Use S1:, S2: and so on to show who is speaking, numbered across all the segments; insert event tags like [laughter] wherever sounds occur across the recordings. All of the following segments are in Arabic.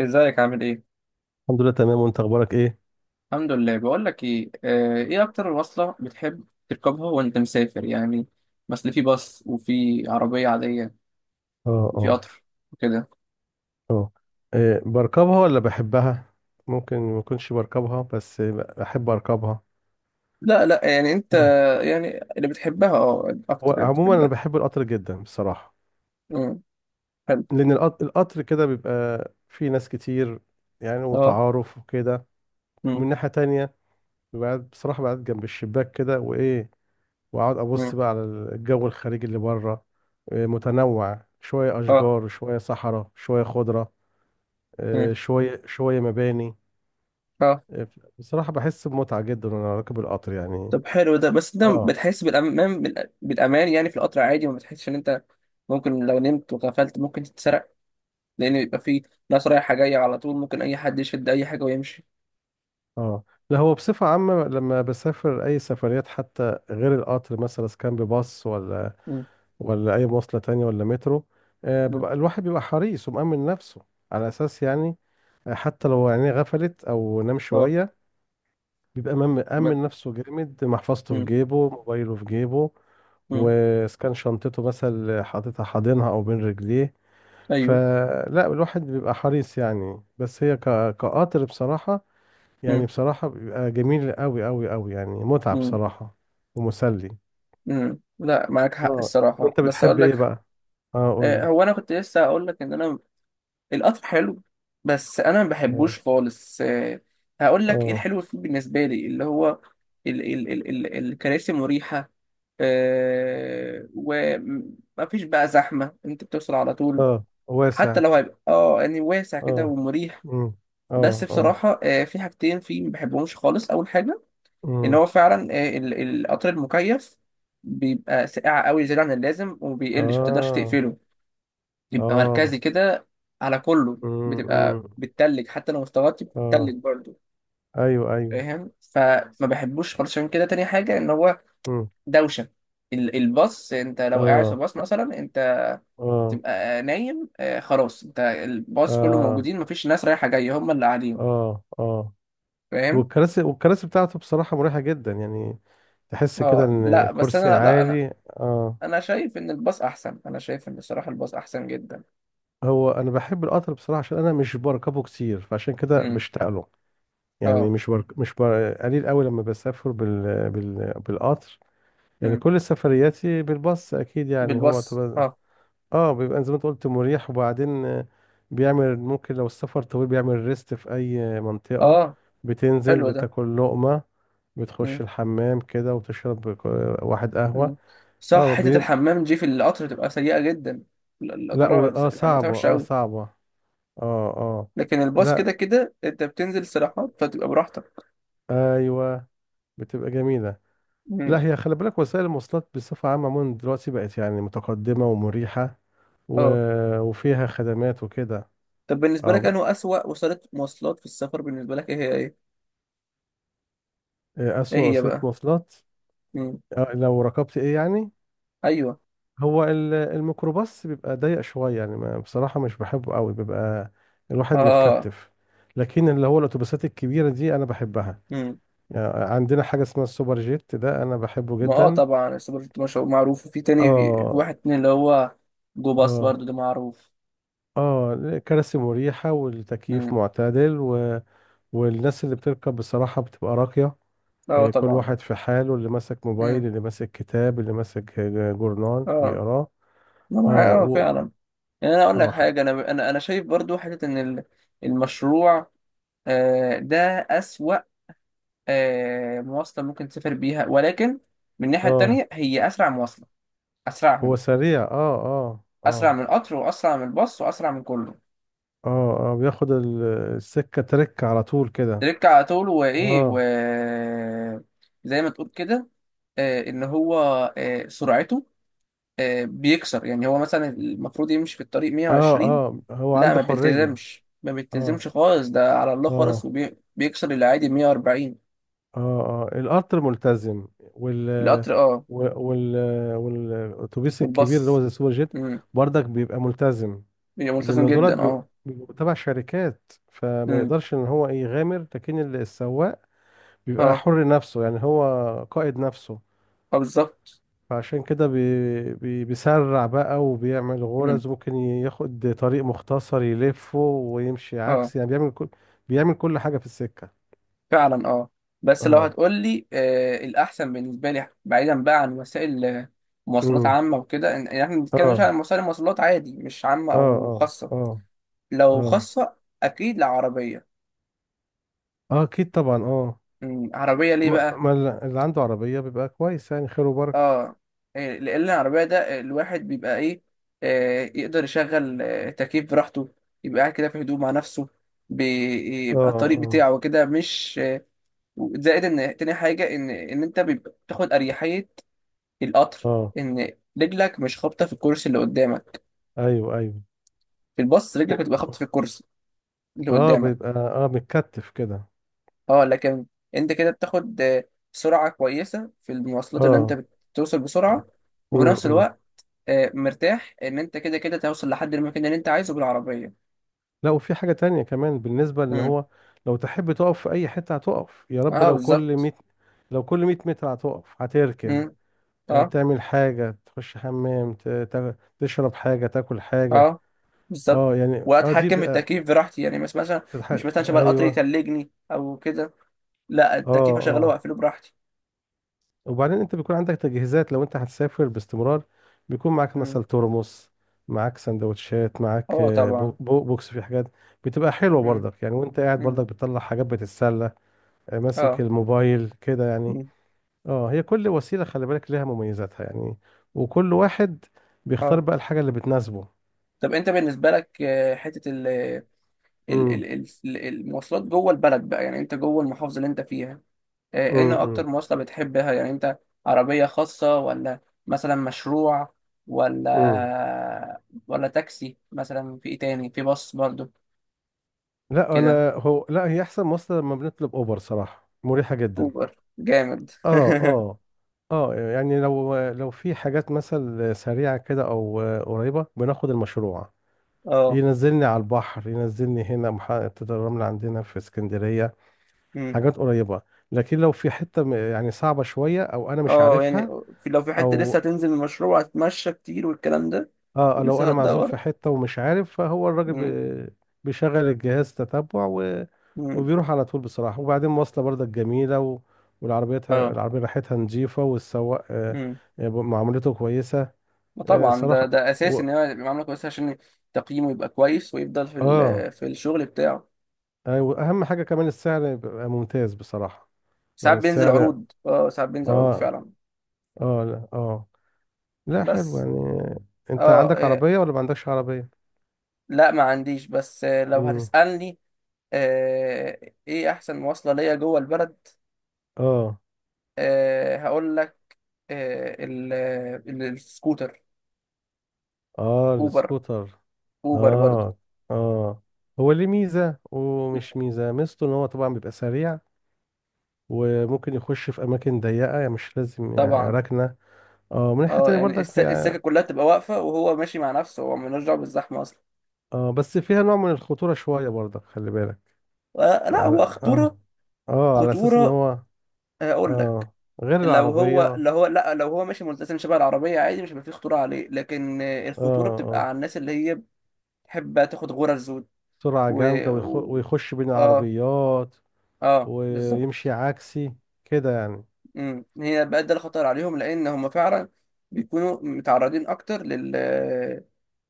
S1: ازيك عامل ايه؟
S2: الحمد لله تمام، وانت اخبارك ايه؟
S1: الحمد لله. بقول لك ايه، آه، ايه اكتر وصلة بتحب تركبها وانت مسافر يعني؟ مثلا في باص وفي عربية عادية
S2: اه.
S1: وفي
S2: اه.
S1: قطر وكده.
S2: اه. إيه، بركبها ولا بحبها؟ ممكن ما اكونش بركبها بس بحب اركبها.
S1: لا يعني انت
S2: اه.
S1: يعني اللي بتحبها، اه،
S2: هو
S1: اكتر اللي
S2: عموما انا
S1: بتحبها.
S2: بحب القطر جدا بصراحة،
S1: امم حلو.
S2: لان القطر كده بيبقى فيه ناس كتير، يعني
S1: اه.
S2: وتعارف وكده.
S1: امم
S2: ومن ناحية تانية بصراحة بقعد جنب الشباك كده، وايه واقعد
S1: امم
S2: ابص بقى على الجو الخارجي اللي بره. إيه، متنوع شوية
S1: اه.
S2: اشجار شوية صحراء شوية خضرة.
S1: امم
S2: إيه، شوية شوية مباني.
S1: اه.
S2: بصراحة بحس بمتعة جدا وأنا راكب القطر يعني.
S1: طب حلو ده، بس انت
S2: اه
S1: بتحس بالامان بالامان يعني في القطر عادي؟ وما بتحسش ان انت ممكن لو نمت وغفلت ممكن تتسرق، لان بيبقى في ناس رايحة جاية على طول، ممكن اي حد يشد اي حاجة ويمشي.
S2: اه. لا، هو بصفة عامة لما بسافر أي سفريات، حتى غير القطر، مثلا إذا كان بباص ولا أي مواصلة تانية ولا مترو، آه
S1: مم.
S2: بيبقى الواحد بيبقى حريص ومأمن نفسه على أساس يعني. حتى لو عينيه غفلت أو نام
S1: اه.
S2: شوية بيبقى مأمن
S1: ما-
S2: مأمن نفسه جامد، محفظته في
S1: مم.
S2: جيبه، موبايله في جيبه،
S1: مم.
S2: وإذا كان شنطته مثلا حاططها حاضنها أو بين رجليه.
S1: ايوه.
S2: فلا الواحد بيبقى حريص يعني، بس هي كقطر بصراحة، يعني
S1: مم.
S2: بصراحة بيبقى جميل قوي قوي قوي، يعني متعة
S1: مم.
S2: بصراحة. ومسلي.
S1: لا، معاك حق
S2: اه.
S1: الصراحه،
S2: انت
S1: بس اقول
S2: بتحب ايه
S1: لك،
S2: بقى؟ اه قول
S1: آه،
S2: لي.
S1: هو انا كنت لسه هقول لك ان انا القطر حلو، بس انا ما
S2: اه.
S1: بحبوش خالص. آه، هقول لك ايه
S2: اه.
S1: الحلو فيه بالنسبه لي، اللي هو ال ال ال ال الكراسي مريحه، آه، وما فيش بقى زحمه، انت بتوصل على طول.
S2: اه.
S1: حتى
S2: واسع.
S1: لو هيبقى اه يعني واسع كده
S2: اه.
S1: ومريح.
S2: امم.
S1: بس
S2: اه اه.
S1: بصراحه، آه، في حاجتين فيه ما بحبهمش خالص. اول حاجه ان
S2: امم.
S1: هو فعلا، آه، القطر المكيف بيبقى ساقع قوي زياده عن اللازم، وما بيقلش، ما تقدرش
S2: اه
S1: تقفله، بيبقى
S2: اه.
S1: مركزي كده على كله. بتبقى
S2: امم.
S1: بتتلج، حتى لو مستواتي
S2: اه.
S1: بتتلج برضه.
S2: ايوه ايوه.
S1: فاهم؟ فما بحبوش خالص. عشان كده تاني حاجه ان هو
S2: امم.
S1: دوشه. الباص، انت لو قاعد في
S2: اه
S1: باص مثلا، انت
S2: اه
S1: تبقى نايم، آه، خلاص، انت الباص كله
S2: اه
S1: موجودين، مفيش ناس رايحه جايه، هم اللي قاعدين.
S2: اه اه.
S1: فاهم؟
S2: والكراسي بتاعته بصراحة مريحة جدا، يعني تحس كده
S1: اه
S2: ان
S1: لا، بس
S2: كرسي
S1: انا، لا انا
S2: عالي. اه.
S1: انا شايف ان الباص احسن، انا شايف ان الصراحه الباص احسن جدا.
S2: هو انا بحب القطر بصراحه عشان انا مش بركبه كتير، فعشان كده
S1: امم
S2: بشتاق له. يعني
S1: اه.
S2: مش برك... مش بر... قليل قوي لما بسافر بالقطر. يعني
S1: امم
S2: كل سفرياتي بالباص اكيد، يعني هو
S1: بالبص
S2: طبعا.
S1: اه.
S2: اه بيبقى زي ما انت قلت مريح. وبعدين بيعمل، ممكن لو السفر طويل بيعمل ريست في اي
S1: اه
S2: منطقه. بتنزل
S1: حلو ده.
S2: بتاكل لقمه، بتخش
S1: امم
S2: الحمام كده، وتشرب واحد قهوه.
S1: امم صح،
S2: اه
S1: حتة
S2: بي...
S1: الحمام دي في القطر بتبقى سيئة جدا،
S2: لا
S1: القطورة، ولا
S2: اه
S1: الحمامات
S2: صعبه.
S1: وحشة
S2: اه
S1: أوي.
S2: صعبه. اه اه.
S1: لكن الباص
S2: لا.
S1: كده كده أنت بتنزل استراحات، فتبقى براحتك.
S2: ايوه. بتبقى جميله.
S1: امم.
S2: لا، هي خلي بالك وسائل المواصلات بصفه عامه عموما دلوقتي بقت يعني متقدمه ومريحه و...
S1: اه.
S2: وفيها خدمات وكده.
S1: طب بالنسبة
S2: اه
S1: لك،
S2: ب-
S1: أنه أسوأ وسيلة مواصلات في السفر بالنسبة لك، إيه هي، إيه؟
S2: إيه،
S1: إيه
S2: اسوأ
S1: هي
S2: وسيله
S1: بقى؟
S2: مواصلات؟
S1: امم.
S2: آه لو ركبت ايه يعني.
S1: أيوه.
S2: هو الميكروباص بيبقى ضيق شويه يعني، ما بصراحه مش بحبه قوي، بيبقى الواحد
S1: اه.
S2: متكتف. لكن اللي هو الاتوبيسات الكبيره دي انا بحبها.
S1: امم.
S2: يعني عندنا حاجه اسمها السوبر جيت ده انا بحبه
S1: ما اه،
S2: جدا.
S1: طبعا السوبر جيت مش معروف، وفي تاني، في
S2: اه
S1: واحد تاني اللي هو جو باص
S2: اه
S1: برضه ده معروف.
S2: اه. كراسي مريحة والتكييف
S1: امم.
S2: معتدل والناس اللي بتركب بصراحة بتبقى راقية.
S1: اه
S2: كل
S1: طبعا.
S2: واحد في حاله، اللي ماسك
S1: امم.
S2: موبايل اللي ماسك كتاب اللي ماسك جورنال
S1: اه.
S2: بيقراه.
S1: ما
S2: اه
S1: معايا اه فعلا. يعني انا اقول لك
S2: اه.
S1: حاجه، انا شايف برضو حته ان المشروع، آه، ده اسوأ، آه، مواصله ممكن تسافر بيها، ولكن من الناحيه
S2: اه
S1: التانيه هي اسرع مواصله،
S2: هو
S1: اسرعهم.
S2: سريع. اه اه
S1: اسرع
S2: اه
S1: من القطر، واسرع من الباص، واسرع من كله.
S2: اه اه. بياخد السكة ترك على طول كده.
S1: تركع على طول، وايه و،
S2: اه
S1: زي ما تقول كده، آه، ان هو، آه، سرعته، آه، بيكسر. يعني هو مثلا المفروض يمشي في الطريق
S2: اه
S1: 120،
S2: اه. هو
S1: لا ما
S2: عنده حرية.
S1: بيلتزمش، ما
S2: اه
S1: بيلتزمش خالص، ده على الله خالص،
S2: اه
S1: وبيكسر العادي 140.
S2: اه. اه القطر ملتزم
S1: القطر اه،
S2: و- وال والاتوبيس الكبير اللي هو
S1: والباص،
S2: زي السوبر جيت
S1: امم،
S2: برضك بيبقى ملتزم.
S1: بيبقى ملتزم
S2: لان دولت
S1: جدا
S2: بيبقوا
S1: اه.
S2: بيبقوا تبع شركات، فما
S1: امم.
S2: يقدرش ان هو إيه يغامر. لكن السواق بيبقى
S1: اه
S2: حر نفسه، يعني هو قائد نفسه،
S1: اه بالظبط.
S2: فعشان كده بي بي بيسرع بقى، وبيعمل
S1: امم.
S2: غرز، ممكن ياخد طريق مختصر يلفه ويمشي
S1: اه
S2: عكس، يعني بيعمل كل حاجة في السكة.
S1: فعلا. اه. بس لو
S2: اه.
S1: هتقول لي، آه، الاحسن بالنسبه لي، بعيدا بقى عن وسائل، آه، مواصلات
S2: امم.
S1: عامه وكده، يعني احنا بنتكلم مش
S2: اه
S1: عن وسائل مواصلات، عادي، مش عامه
S2: اه
S1: او
S2: اه
S1: خاصه.
S2: اه
S1: لو
S2: اه.
S1: خاصه اكيد، لا، عربيه.
S2: اه اكيد طبعا اه.
S1: مم، عربية ليه
S2: ما
S1: بقى؟
S2: ما الل- اللي عنده عربية بيبقى كويس، يعني خير وبركة.
S1: اه، إيه، لأن العربية ده الواحد بيبقى ايه، آه، يقدر يشغل، آه، تكييف براحته، يبقى قاعد كده في هدوء مع نفسه،
S2: اه
S1: بيبقى الطريق
S2: اه
S1: بتاعه كده مش، آه، زائد ان تاني حاجة، ان انت بيبقى بتاخد اريحية. القطر،
S2: اه.
S1: ان رجلك مش خابطة في الكرسي اللي قدامك.
S2: ايوه ايوه.
S1: في الباص رجلك
S2: و-
S1: بتبقى خابطة في الكرسي اللي
S2: اه
S1: قدامك.
S2: بيبقى اه متكتف كده.
S1: اه، لكن انت كده بتاخد، آه، سرعة كويسة في المواصلات، اللي
S2: اه.
S1: انت بتوصل بسرعة، وفي نفس
S2: امم.
S1: الوقت، آه، مرتاح ان انت كده كده توصل لحد المكان اللي انت عايزه بالعربيه.
S2: لا، وفي حاجة تانية كمان بالنسبة لان
S1: امم.
S2: هو لو تحب تقف في اي حتة هتقف، يا رب
S1: اه
S2: لو كل
S1: بالظبط.
S2: 100 لو كل 100 متر هتقف
S1: امم.
S2: هتركن.
S1: اه
S2: تعمل حاجة، تخش حمام، تشرب حاجة، تاكل حاجة.
S1: اه بالظبط.
S2: اه يعني اه دي
S1: واتحكم في
S2: بقى.
S1: التكييف براحتي، يعني مش مثلا، مش مثلا شبه القطر
S2: ايوه.
S1: يتلجني او كده، لا، التكييف
S2: اه
S1: اشغله
S2: اه.
S1: واقفله براحتي.
S2: وبعدين انت بيكون عندك تجهيزات لو انت هتسافر باستمرار، بيكون معاك
S1: امم.
S2: مثلا ترمس، معاك سندوتشات، معاك
S1: اه طبعا.
S2: بوكس في حاجات. بتبقى حلوة
S1: امم
S2: برضك يعني، وانت قاعد
S1: امم
S2: برضك بتطلع حاجات بتتسلى. ماسك
S1: اه.
S2: الموبايل كده يعني.
S1: امم.
S2: اه. هي كل وسيلة خلي بالك ليها مميزاتها يعني، وكل واحد بيختار
S1: اه.
S2: بقى الحاجة اللي بتناسبه.
S1: طب انت بالنسبه لك، آه، حته ال-
S2: امم
S1: ال- المواصلات جوه البلد بقى، يعني انت جوه المحافظه اللي انت فيها، آه، ايه
S2: امم.
S1: اكتر مواصلة بتحبها يعني انت؟ عربية خاصة، ولا مثلا مشروع،
S2: امم.
S1: ولا ولا تاكسي مثلا، في ايه تاني، في باص برضو؟
S2: لا
S1: كده.
S2: انا هو لا، هي احسن مواصلة لما بنطلب اوبر صراحة مريحة جدا.
S1: اوبر جامد
S2: اه
S1: [laughs]
S2: اه. اه يعني لو في حاجات مثلا سريعة كده او قريبة بناخد المشروع،
S1: اه.
S2: ينزلني على البحر، ينزلني هنا محطة الرمل عندنا في اسكندرية،
S1: أمم.
S2: حاجات قريبة. لكن لو في يعني صعبة شوية او انا مش
S1: اه يعني،
S2: عارفها
S1: في لو في حتة لسه
S2: او
S1: هتنزل المشروع، هتمشى كتير والكلام ده،
S2: اه، لو
S1: ولسه
S2: انا معزوم
S1: هتدور.
S2: في حتة ومش عارف، فهو الراجل
S1: أمم.
S2: بيشغل الجهاز تتبع
S1: أمم.
S2: وبيروح على طول بصراحة. وبعدين مواصلة برضك جميلة والعربيتها
S1: اه.
S2: العربية ريحتها نظيفة، والسواق
S1: أمم.
S2: معاملته كويسة.
S1: وطبعا ده،
S2: صراحة
S1: ده اساسي
S2: و...
S1: ان هو يبقى معامله كويسه، عشان تقييمه يبقى كويس، ويفضل في
S2: اه
S1: في الشغل بتاعه.
S2: ايوه، اهم حاجة كمان السعر يبقى ممتاز بصراحة.
S1: ساعات
S2: يعني
S1: بينزل
S2: السعر
S1: عروض، اه ساعات بينزل عروض
S2: اه.
S1: فعلا.
S2: اه لا اه. لا حلو
S1: بس
S2: يعني. انت
S1: اه
S2: عندك
S1: إيه،
S2: عربية ولا ما عندكش عربية؟
S1: لا ما عنديش، بس آه، لو
S2: امم.
S1: هتسألني، آه، ايه احسن مواصلة ليا جوه البلد،
S2: اه
S1: آه، هقول لك، آه، السكوتر.
S2: اه.
S1: اوبر.
S2: السكوتر.
S1: اوبر برضو.
S2: اه اه. هو ليه ميزة ومش ميزة. ميزته ان هو طبعا بيبقى سريع، وممكن
S1: مم.
S2: يخش في اماكن ضيقة، يعني مش لازم يعني
S1: طبعا.
S2: ركنة. اه. من ناحية
S1: اه،
S2: تانية
S1: يعني
S2: برضك
S1: السكة
S2: يعني
S1: كلها تبقى واقفة وهو ماشي مع نفسه، هو ملوش دعوة بالزحمة اصلا.
S2: اه، بس فيها نوع من الخطورة شوية برضك خلي بالك.
S1: آه، لا
S2: يعني
S1: هو
S2: اه
S1: خطورة،
S2: اه، على اساس ان
S1: خطورة،
S2: هو
S1: آه، اقول لك،
S2: اه غير
S1: لو
S2: العربية
S1: هو،
S2: اه.
S1: لا لو هو ماشي ملتزم شبه العربية عادي، مش هيبقى فيه خطورة عليه، لكن آه، الخطورة بتبقى
S2: اه
S1: على الناس اللي هي بتحب تاخد غرز. و،
S2: سرعة
S1: و-
S2: جامدة ويخش بين
S1: اه.
S2: العربيات،
S1: اه بالظبط.
S2: ويمشي عكسي كده يعني.
S1: امم، هي بقى ده الخطر عليهم، لان هم فعلا بيكونوا متعرضين اكتر لل،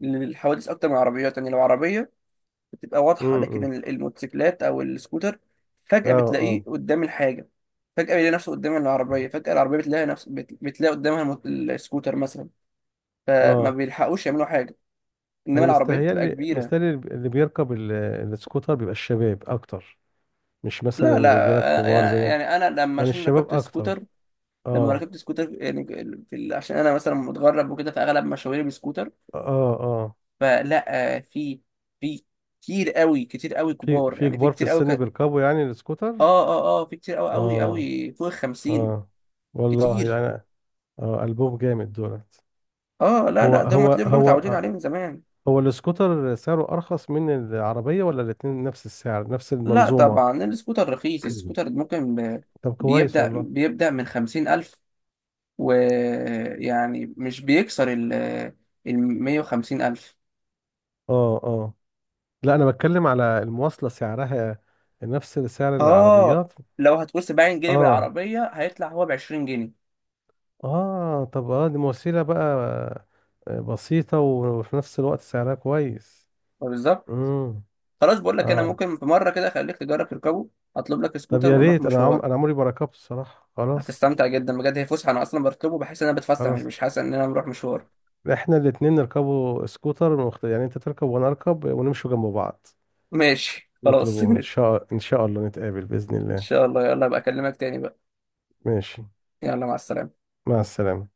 S1: للحوادث اكتر من العربيات. يعني لو عربيه بتبقى واضحه،
S2: امم.
S1: لكن الموتوسيكلات او السكوتر
S2: اه
S1: فجاه بتلاقيه
S2: اه
S1: قدام الحاجه. فجاه بيلاقي نفسه قدام العربيه، فجاه العربيه بتلاقي نفس بتلاقي قدامها السكوتر مثلا، فما
S2: اه.
S1: بيلحقوش يعملوا حاجه،
S2: انا
S1: انما العربيه بتبقى
S2: مستهيألي
S1: كبيره.
S2: مستهيألي اللي بيركب السكوتر بيبقى الشباب اكتر، مش مثلا
S1: لا
S2: الرجالة
S1: أنا-
S2: الكبار زي،
S1: يعني انا لما،
S2: يعني
S1: عشان
S2: الشباب
S1: ركبت
S2: اكتر.
S1: السكوتر، لما
S2: اه
S1: ركبت سكوتر يعني، عشان انا مثلا متغرب وكده، فاغلب مشاويري بسكوتر،
S2: اه اه.
S1: فلا، آه، في كتير قوي، كتير قوي
S2: في
S1: كبار،
S2: في
S1: يعني في
S2: كبار في السن بيركبوا يعني السكوتر.
S1: اه في كتير قوي قوي
S2: اه
S1: قوي فوق 50.
S2: اه. والله
S1: كتير.
S2: يعني. اه ألبوم جامد دولت.
S1: اه، لا
S2: هو
S1: لا ده هم
S2: هو
S1: تلاقيهم بقى
S2: هو
S1: متعودين عليه
S2: آه،
S1: من زمان.
S2: هو السكوتر سعره أرخص من العربية ولا الاتنين نفس السعر نفس
S1: لا
S2: المنظومة؟
S1: طبعا السكوتر رخيص.
S2: [clears throat] طب كويس
S1: بيبدأ
S2: والله.
S1: بيبدأ من 50,000، ويعني مش بيكسر ال ال 150 ألف.
S2: اه اه. لا، أنا بتكلم على المواصلة سعرها نفس سعر
S1: اه،
S2: العربيات.
S1: لو هتقول 70 جنيه
S2: اه
S1: بالعربية، هيطلع هو ب 20 جنيه.
S2: اه. طب اه، دي وسيلة بقى بسيطة وفي نفس الوقت سعرها كويس.
S1: آه، بالظبط.
S2: امم.
S1: خلاص بقول لك انا،
S2: اه.
S1: ممكن في مره كده اخليك تجرب تركبه، هطلب لك
S2: طب
S1: سكوتر
S2: يا
S1: ونروح
S2: ريت، انا
S1: مشوار.
S2: انا عمري ما ركبت الصراحة. خلاص.
S1: هتستمتع جدا بجد، هي فسحه، انا اصلا بطلبه بحس ان انا بتفسح، مش
S2: خلاص
S1: مش حاسس ان انا بروح مشوار.
S2: احنا الاتنين نركبوا سكوتر يعني انت تركب وانا اركب ونمشوا جنب بعض.
S1: ماشي خلاص [laughs]
S2: نطلبوه ان شاء الله نتقابل باذن
S1: ان
S2: الله.
S1: شاء الله، يلا بقى اكلمك تاني بقى.
S2: ماشي.
S1: يلا مع السلامه.
S2: مع السلامه.